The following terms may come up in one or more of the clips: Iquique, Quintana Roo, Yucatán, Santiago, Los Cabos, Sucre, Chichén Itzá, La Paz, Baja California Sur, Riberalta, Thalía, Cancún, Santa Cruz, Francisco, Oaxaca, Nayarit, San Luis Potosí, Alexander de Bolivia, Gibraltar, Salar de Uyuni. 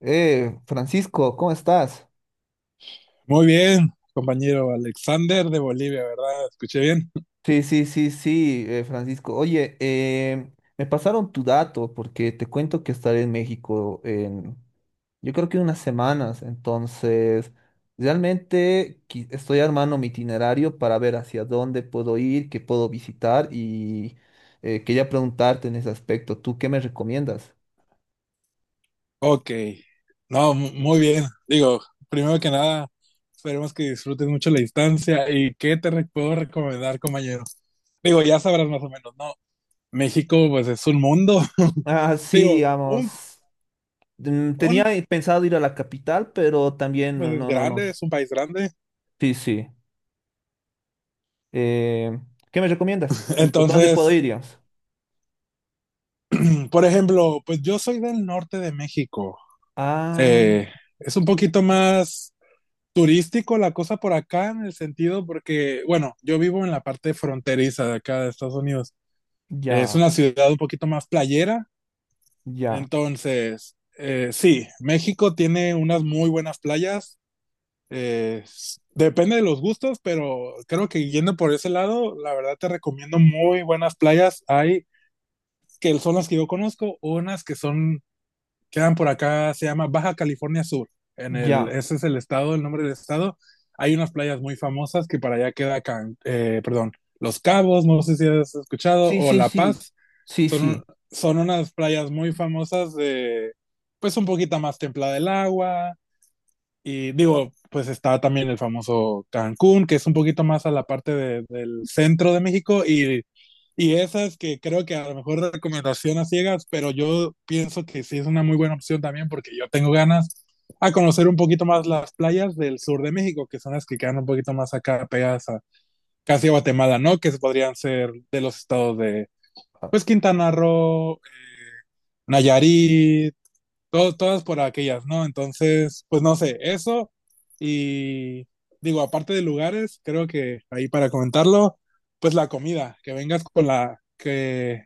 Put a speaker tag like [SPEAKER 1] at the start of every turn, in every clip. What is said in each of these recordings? [SPEAKER 1] Francisco, ¿cómo estás?
[SPEAKER 2] Muy bien, compañero Alexander de Bolivia, ¿verdad? ¿Escuché bien?
[SPEAKER 1] Sí, sí, sí, sí, Francisco. Oye, me pasaron tu dato porque te cuento que estaré en México en, yo creo que unas semanas. Entonces, realmente estoy armando mi itinerario para ver hacia dónde puedo ir, qué puedo visitar y quería preguntarte en ese aspecto. ¿Tú qué me recomiendas?
[SPEAKER 2] Ok, no, muy bien. Digo, primero que nada, esperemos que disfrutes mucho la distancia y puedo recomendar, compañero. Digo, ya sabrás más o menos, ¿no? México, pues es un mundo.
[SPEAKER 1] Ah, sí,
[SPEAKER 2] Digo,
[SPEAKER 1] digamos. Tenía
[SPEAKER 2] un-
[SPEAKER 1] pensado ir a la capital, pero también
[SPEAKER 2] pues
[SPEAKER 1] no,
[SPEAKER 2] es
[SPEAKER 1] no, no.
[SPEAKER 2] grande, es un país grande.
[SPEAKER 1] Sí, sí. Eh, ¿Qué me recomiendas? ¿Dónde puedo
[SPEAKER 2] Entonces,
[SPEAKER 1] ir, digamos?
[SPEAKER 2] por ejemplo, pues yo soy del norte de México.
[SPEAKER 1] Ah,
[SPEAKER 2] Eh, es un poquito más turístico la cosa por acá en el sentido porque, bueno, yo vivo en la parte fronteriza de acá de Estados Unidos. Es
[SPEAKER 1] ya,
[SPEAKER 2] una ciudad un poquito más playera,
[SPEAKER 1] ya,
[SPEAKER 2] entonces, sí, México tiene unas muy buenas playas. Depende de los gustos, pero creo que yendo por ese lado, la verdad te recomiendo muy buenas playas. Hay que son las que yo conozco, unas que son quedan por acá, se llama Baja California Sur. En el,
[SPEAKER 1] ya.
[SPEAKER 2] ese es el estado, el nombre del estado. Hay unas playas muy famosas que para allá queda, perdón, Los Cabos, no sé si has escuchado,
[SPEAKER 1] Sí,
[SPEAKER 2] o
[SPEAKER 1] sí,
[SPEAKER 2] La
[SPEAKER 1] sí.
[SPEAKER 2] Paz.
[SPEAKER 1] Sí,
[SPEAKER 2] Son,
[SPEAKER 1] sí.
[SPEAKER 2] son unas playas muy famosas de, pues un poquito más templada el agua. Y digo, pues está también el famoso Cancún, que es un poquito más a la parte del centro de México y esa es que creo que a lo mejor recomendación a ciegas, pero yo pienso que sí es una muy buena opción también porque yo tengo ganas a conocer un poquito más las playas del sur de México, que son las que quedan un poquito más acá pegadas a casi a Guatemala, ¿no? Que podrían ser de los estados de,
[SPEAKER 1] Ah,
[SPEAKER 2] pues, Quintana Roo, Nayarit, todas por aquellas, ¿no? Entonces, pues no sé, eso y digo, aparte de lugares, creo que ahí para comentarlo, pues la comida, que vengas con la que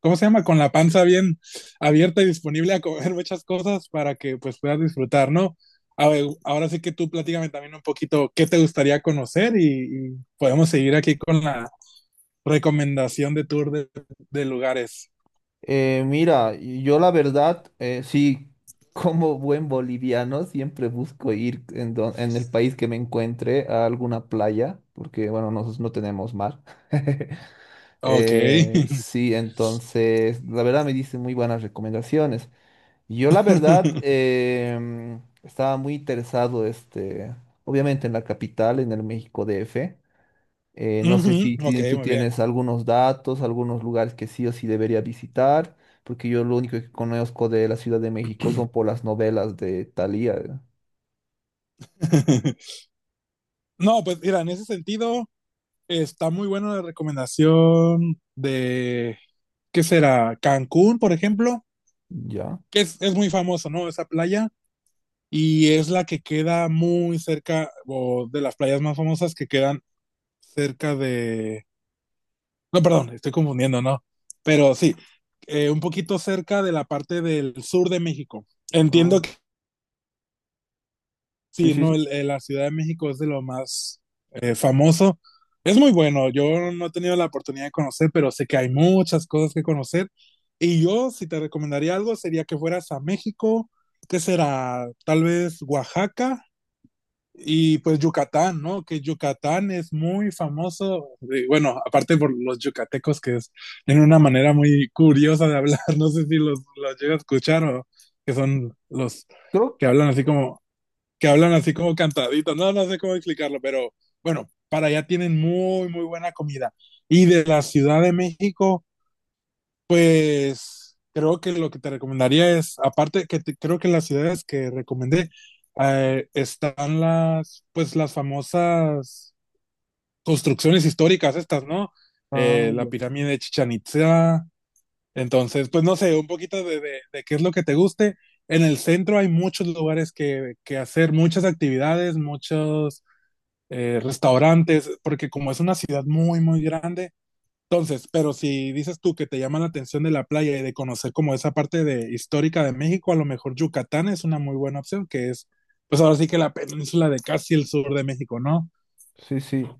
[SPEAKER 2] ¿cómo se llama? Con la panza bien abierta y disponible a comer muchas cosas para que pues puedas disfrutar, ¿no? A ver, ahora sí que tú platícame también un poquito qué te gustaría conocer y, podemos seguir aquí con la recomendación de tour de lugares.
[SPEAKER 1] mira, yo la verdad, sí, como buen boliviano, siempre busco ir en, en el país que me encuentre a alguna playa, porque, bueno, nosotros no tenemos mar.
[SPEAKER 2] Ok.
[SPEAKER 1] Sí, entonces, la verdad me diste muy buenas recomendaciones. Yo la verdad estaba muy interesado, este, obviamente en la capital, en el México DF. No sé
[SPEAKER 2] Ujú,
[SPEAKER 1] si
[SPEAKER 2] ok,
[SPEAKER 1] tú
[SPEAKER 2] muy bien.
[SPEAKER 1] tienes algunos datos, algunos lugares que sí o sí debería visitar, porque yo lo único que conozco de la Ciudad de México son por las novelas de Thalía.
[SPEAKER 2] No, pues mira, en ese sentido está muy buena la recomendación de, ¿qué será? Cancún, por ejemplo,
[SPEAKER 1] ¿Ya?
[SPEAKER 2] que es muy famoso, ¿no? Esa playa. Y es la que queda muy cerca, o de las playas más famosas que quedan cerca de... No, perdón, estoy confundiendo, ¿no? Pero sí, un poquito cerca de la parte del sur de México.
[SPEAKER 1] Ah,
[SPEAKER 2] Entiendo que
[SPEAKER 1] sí,
[SPEAKER 2] sí,
[SPEAKER 1] sí, sí.
[SPEAKER 2] ¿no? La Ciudad de México es de lo más famoso. Es muy bueno, yo no he tenido la oportunidad de conocer, pero sé que hay muchas cosas que conocer. Y yo, si te recomendaría algo, sería que fueras a México, que será tal vez Oaxaca. Y pues Yucatán, ¿no? Que Yucatán es muy famoso, bueno, aparte por los yucatecos, que es en una manera muy curiosa de hablar, no sé si los, los llega a escuchar o que son los
[SPEAKER 1] Creo.
[SPEAKER 2] que hablan así como, que hablan así como cantaditos, no, no sé cómo explicarlo, pero bueno, para allá tienen muy, muy buena comida. Y de la Ciudad de México, pues creo que lo que te recomendaría es, aparte creo que en las ciudades que recomendé están las, pues las famosas construcciones históricas estas, ¿no?
[SPEAKER 1] Ah,
[SPEAKER 2] La
[SPEAKER 1] ya.
[SPEAKER 2] pirámide de Chichén Itzá. Entonces, pues no sé, un poquito de, de qué es lo que te guste. En el centro hay muchos lugares que hacer, muchas actividades, muchos restaurantes, porque como es una ciudad muy, muy grande entonces, pero si dices tú que te llama la atención de la playa y de conocer como esa parte de histórica de México, a lo mejor Yucatán es una muy buena opción, que es, pues ahora sí que la península de casi el sur de México, ¿no?
[SPEAKER 1] Sí, sí.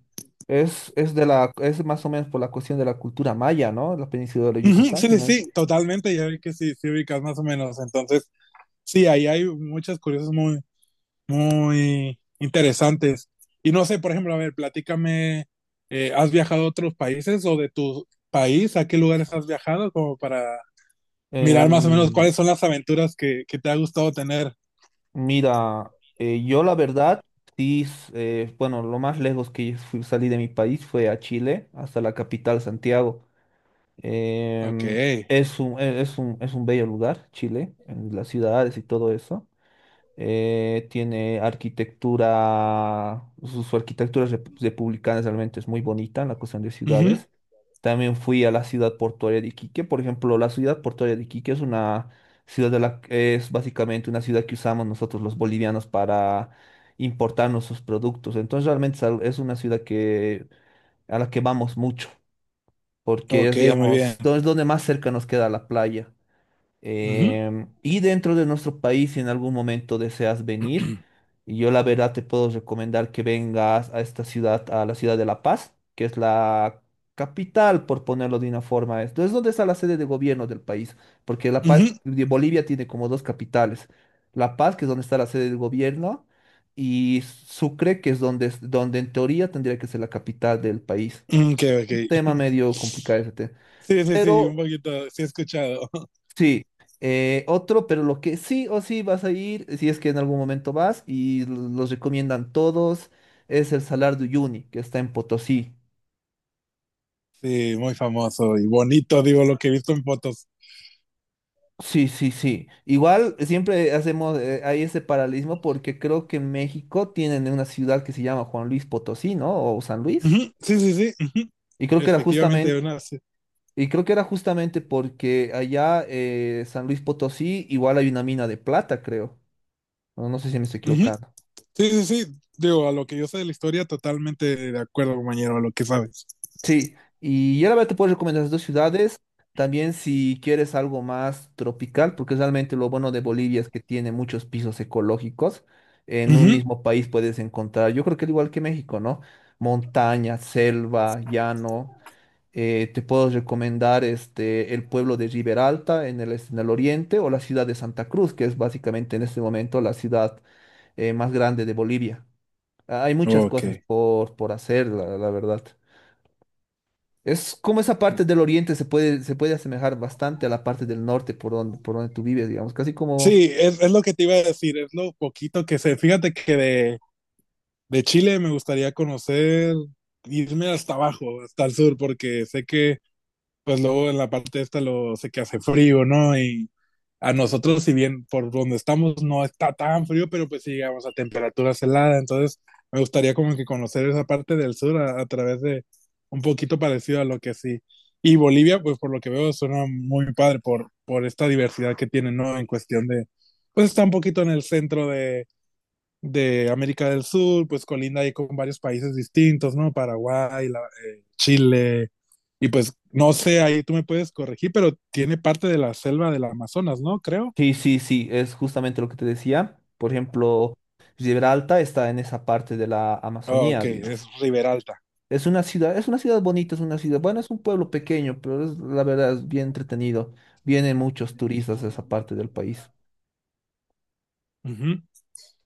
[SPEAKER 1] Es de la, es más o menos por la cuestión de la cultura maya, ¿no? La península de
[SPEAKER 2] Ujú, sí,
[SPEAKER 1] Yucatán, si
[SPEAKER 2] sí,
[SPEAKER 1] no hay...
[SPEAKER 2] sí, totalmente, ya vi que sí, sí ubicas más o menos. Entonces, sí, ahí hay muchas curiosas muy, muy interesantes. Y no sé, por ejemplo, a ver, platícame, ¿has viajado a otros países o de tu país? ¿A qué lugares has viajado como para mirar más o menos cuáles son las aventuras que te ha gustado tener?
[SPEAKER 1] Mira, yo la verdad, sí, bueno, lo más lejos que salí de mi país fue a Chile, hasta la capital, Santiago.
[SPEAKER 2] Ok.
[SPEAKER 1] Em, es un, es un, es un bello lugar, Chile, en las ciudades y todo eso tiene arquitectura, su, su arquitectura republicana realmente es muy bonita en la cuestión de
[SPEAKER 2] Ujú.
[SPEAKER 1] ciudades. También fui a la ciudad portuaria de Iquique. Por ejemplo, la ciudad portuaria de Iquique es una ciudad de la, es básicamente una ciudad que usamos nosotros los bolivianos para importar nuestros productos. Entonces realmente es una ciudad que, a la que vamos mucho, porque
[SPEAKER 2] Ok,
[SPEAKER 1] es,
[SPEAKER 2] muy bien.
[SPEAKER 1] digamos, es donde más cerca nos queda la playa.
[SPEAKER 2] Ujú.
[SPEAKER 1] Y dentro de nuestro país, si en algún momento deseas venir, yo la verdad te puedo recomendar que vengas a esta ciudad, a la ciudad de La Paz, que es la capital, por ponerlo de una forma. Esto es donde está la sede de gobierno del país, porque La Paz,
[SPEAKER 2] Ujú.
[SPEAKER 1] de Bolivia tiene como dos capitales. La Paz, que es donde está la sede del gobierno, y Sucre, que es donde, donde en teoría tendría que ser la capital del país.
[SPEAKER 2] Mm, ok,
[SPEAKER 1] Un
[SPEAKER 2] ok.
[SPEAKER 1] tema medio complicado ese tema.
[SPEAKER 2] Sí, sí, sí, un
[SPEAKER 1] Pero
[SPEAKER 2] poquito, sí he escuchado.
[SPEAKER 1] sí, otro, pero lo que sí o sí vas a ir, si es que en algún momento vas, y los recomiendan todos, es el Salar de Uyuni, que está en Potosí.
[SPEAKER 2] Sí, muy famoso y bonito, digo, lo que he visto en fotos.
[SPEAKER 1] Sí, sí, sí. Igual siempre hacemos, hay ese paralelismo porque creo que en México tienen una ciudad que se llama Juan Luis Potosí, ¿no? O San Luis.
[SPEAKER 2] Ujú. Sí, sí, sí. Ujú.
[SPEAKER 1] Y creo que era
[SPEAKER 2] Efectivamente,
[SPEAKER 1] justamente,
[SPEAKER 2] una, sí.
[SPEAKER 1] porque allá San Luis Potosí igual hay una mina de plata, creo. No, no sé si me estoy
[SPEAKER 2] Ujú.
[SPEAKER 1] equivocando.
[SPEAKER 2] Sí, sí, sí. Digo, a lo que yo sé de la historia, totalmente de acuerdo, compañero, a lo que sabes.
[SPEAKER 1] Sí, y ya la verdad te puedo recomendar las dos ciudades, también si quieres algo más tropical, porque realmente lo bueno de Bolivia es que tiene muchos pisos ecológicos, en un
[SPEAKER 2] Ujú.
[SPEAKER 1] mismo país puedes encontrar, yo creo que al igual que México, ¿no? Montaña, selva, llano, te puedo recomendar este, el pueblo de Riberalta en el, en el oriente o la ciudad de Santa Cruz, que es básicamente en este momento la ciudad más grande de Bolivia. Ah, hay muchas
[SPEAKER 2] Ok.
[SPEAKER 1] cosas por hacer, la verdad. Es como esa parte del oriente se puede asemejar bastante a la parte del norte por donde tú vives, digamos, casi como...
[SPEAKER 2] Sí, es lo que te iba a decir, es lo poquito que sé. Fíjate que de, de Chile me gustaría conocer, irme hasta abajo, hasta el sur, porque sé que, pues luego en la parte esta lo sé que hace frío, ¿no? Y a
[SPEAKER 1] Sí, sí,
[SPEAKER 2] nosotros, si bien por donde estamos no está tan frío, pero pues sí llegamos a temperaturas heladas, entonces me gustaría como que conocer esa parte del sur a través de un poquito parecido a lo que sí. Y Bolivia, pues por lo que veo, suena muy padre por esta diversidad que tiene, ¿no? En cuestión de, pues está un poquito en el centro de América del Sur, pues colinda ahí con varios países distintos, ¿no? Paraguay, Chile, y pues no sé, ahí tú me puedes corregir, pero tiene parte de la selva del Amazonas, ¿no? Creo.
[SPEAKER 1] sí, sí, sí, es justamente lo que te decía. Por ejemplo, Gibraltar está en esa parte de la
[SPEAKER 2] Oh, ok,
[SPEAKER 1] Amazonía, digamos.
[SPEAKER 2] es Riberalta.
[SPEAKER 1] Es una ciudad bonita, es una ciudad, bueno, es un pueblo pequeño, pero es, la verdad es bien entretenido. Vienen muchos turistas a esa parte del país.
[SPEAKER 2] Ujú.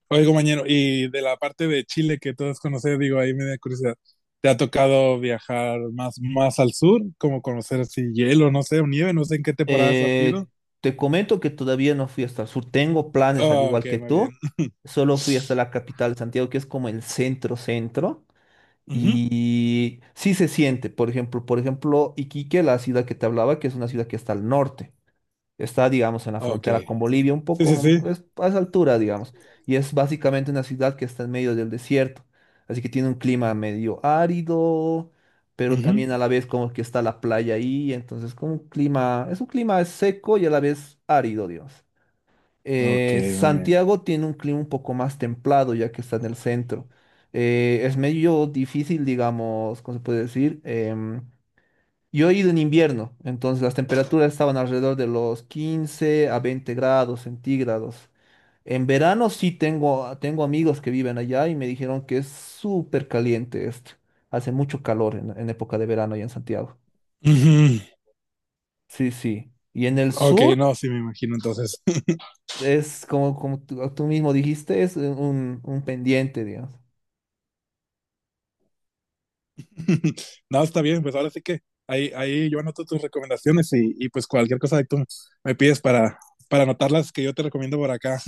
[SPEAKER 2] Oye, compañero, y de la parte de Chile que todos conocen, digo, ahí me da curiosidad. ¿Te ha tocado viajar más, más al sur? Como conocer así hielo, no sé, o nieve, no sé en qué temporadas has sido.
[SPEAKER 1] Eh, te comento que todavía no fui hasta el sur. Tengo planes, al
[SPEAKER 2] Oh,
[SPEAKER 1] igual
[SPEAKER 2] ok,
[SPEAKER 1] que
[SPEAKER 2] muy bien.
[SPEAKER 1] tú. Solo fui hasta la capital, Santiago, que es como el centro centro.
[SPEAKER 2] Ujú.
[SPEAKER 1] Y sí se siente, por ejemplo, Iquique, la ciudad que te hablaba, que es una ciudad que está al norte. Está, digamos, en la
[SPEAKER 2] Ok.
[SPEAKER 1] frontera con Bolivia, un
[SPEAKER 2] Sí,
[SPEAKER 1] poco
[SPEAKER 2] sí, sí.
[SPEAKER 1] pues, a esa altura, digamos. Y es básicamente una ciudad que está en medio del desierto. Así que tiene un clima medio árido, pero
[SPEAKER 2] Ujú.
[SPEAKER 1] también a la vez como que está la playa ahí. Entonces, como un clima, es un clima seco y a la vez árido, digamos.
[SPEAKER 2] Ok, muy bien.
[SPEAKER 1] Santiago tiene un clima un poco más templado, ya que está en el centro. Es medio difícil, digamos, ¿cómo se puede decir? Yo he ido en invierno, entonces las temperaturas estaban alrededor de los 15 a 20 grados centígrados. En verano sí tengo, tengo amigos que viven allá y me dijeron que es súper caliente esto. Hace mucho calor en época de verano allá en Santiago.
[SPEAKER 2] Ujú.
[SPEAKER 1] Sí, sí. Y en el
[SPEAKER 2] Ok,
[SPEAKER 1] sur
[SPEAKER 2] no, sí me imagino entonces.
[SPEAKER 1] es como, como tú mismo dijiste, es un pendiente, digamos.
[SPEAKER 2] No, está bien, pues ahora sí que ahí, ahí yo anoto tus recomendaciones y, pues cualquier cosa que tú me pides para anotarlas que yo te recomiendo por acá.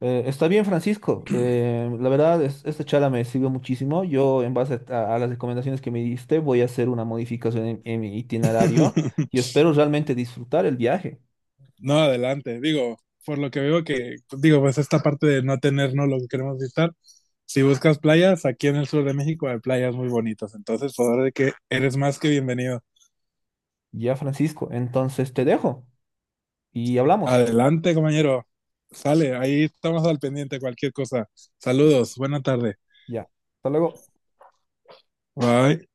[SPEAKER 1] Está bien, Francisco. La verdad, esta charla me sirvió muchísimo. Yo, en base a las recomendaciones que me diste, voy a hacer una modificación en mi itinerario y espero realmente disfrutar el viaje.
[SPEAKER 2] No, adelante, digo, por lo que veo que, digo, pues esta parte de no tener, no lo que queremos visitar, si buscas playas, aquí en el sur de México hay playas muy bonitas, entonces por ahora de que eres más que bienvenido.
[SPEAKER 1] Ya, Francisco. Entonces te dejo y hablamos.
[SPEAKER 2] Adelante, compañero, sale, ahí estamos al pendiente, cualquier cosa. Saludos, buena tarde.
[SPEAKER 1] Ya. Hasta luego.
[SPEAKER 2] Bye.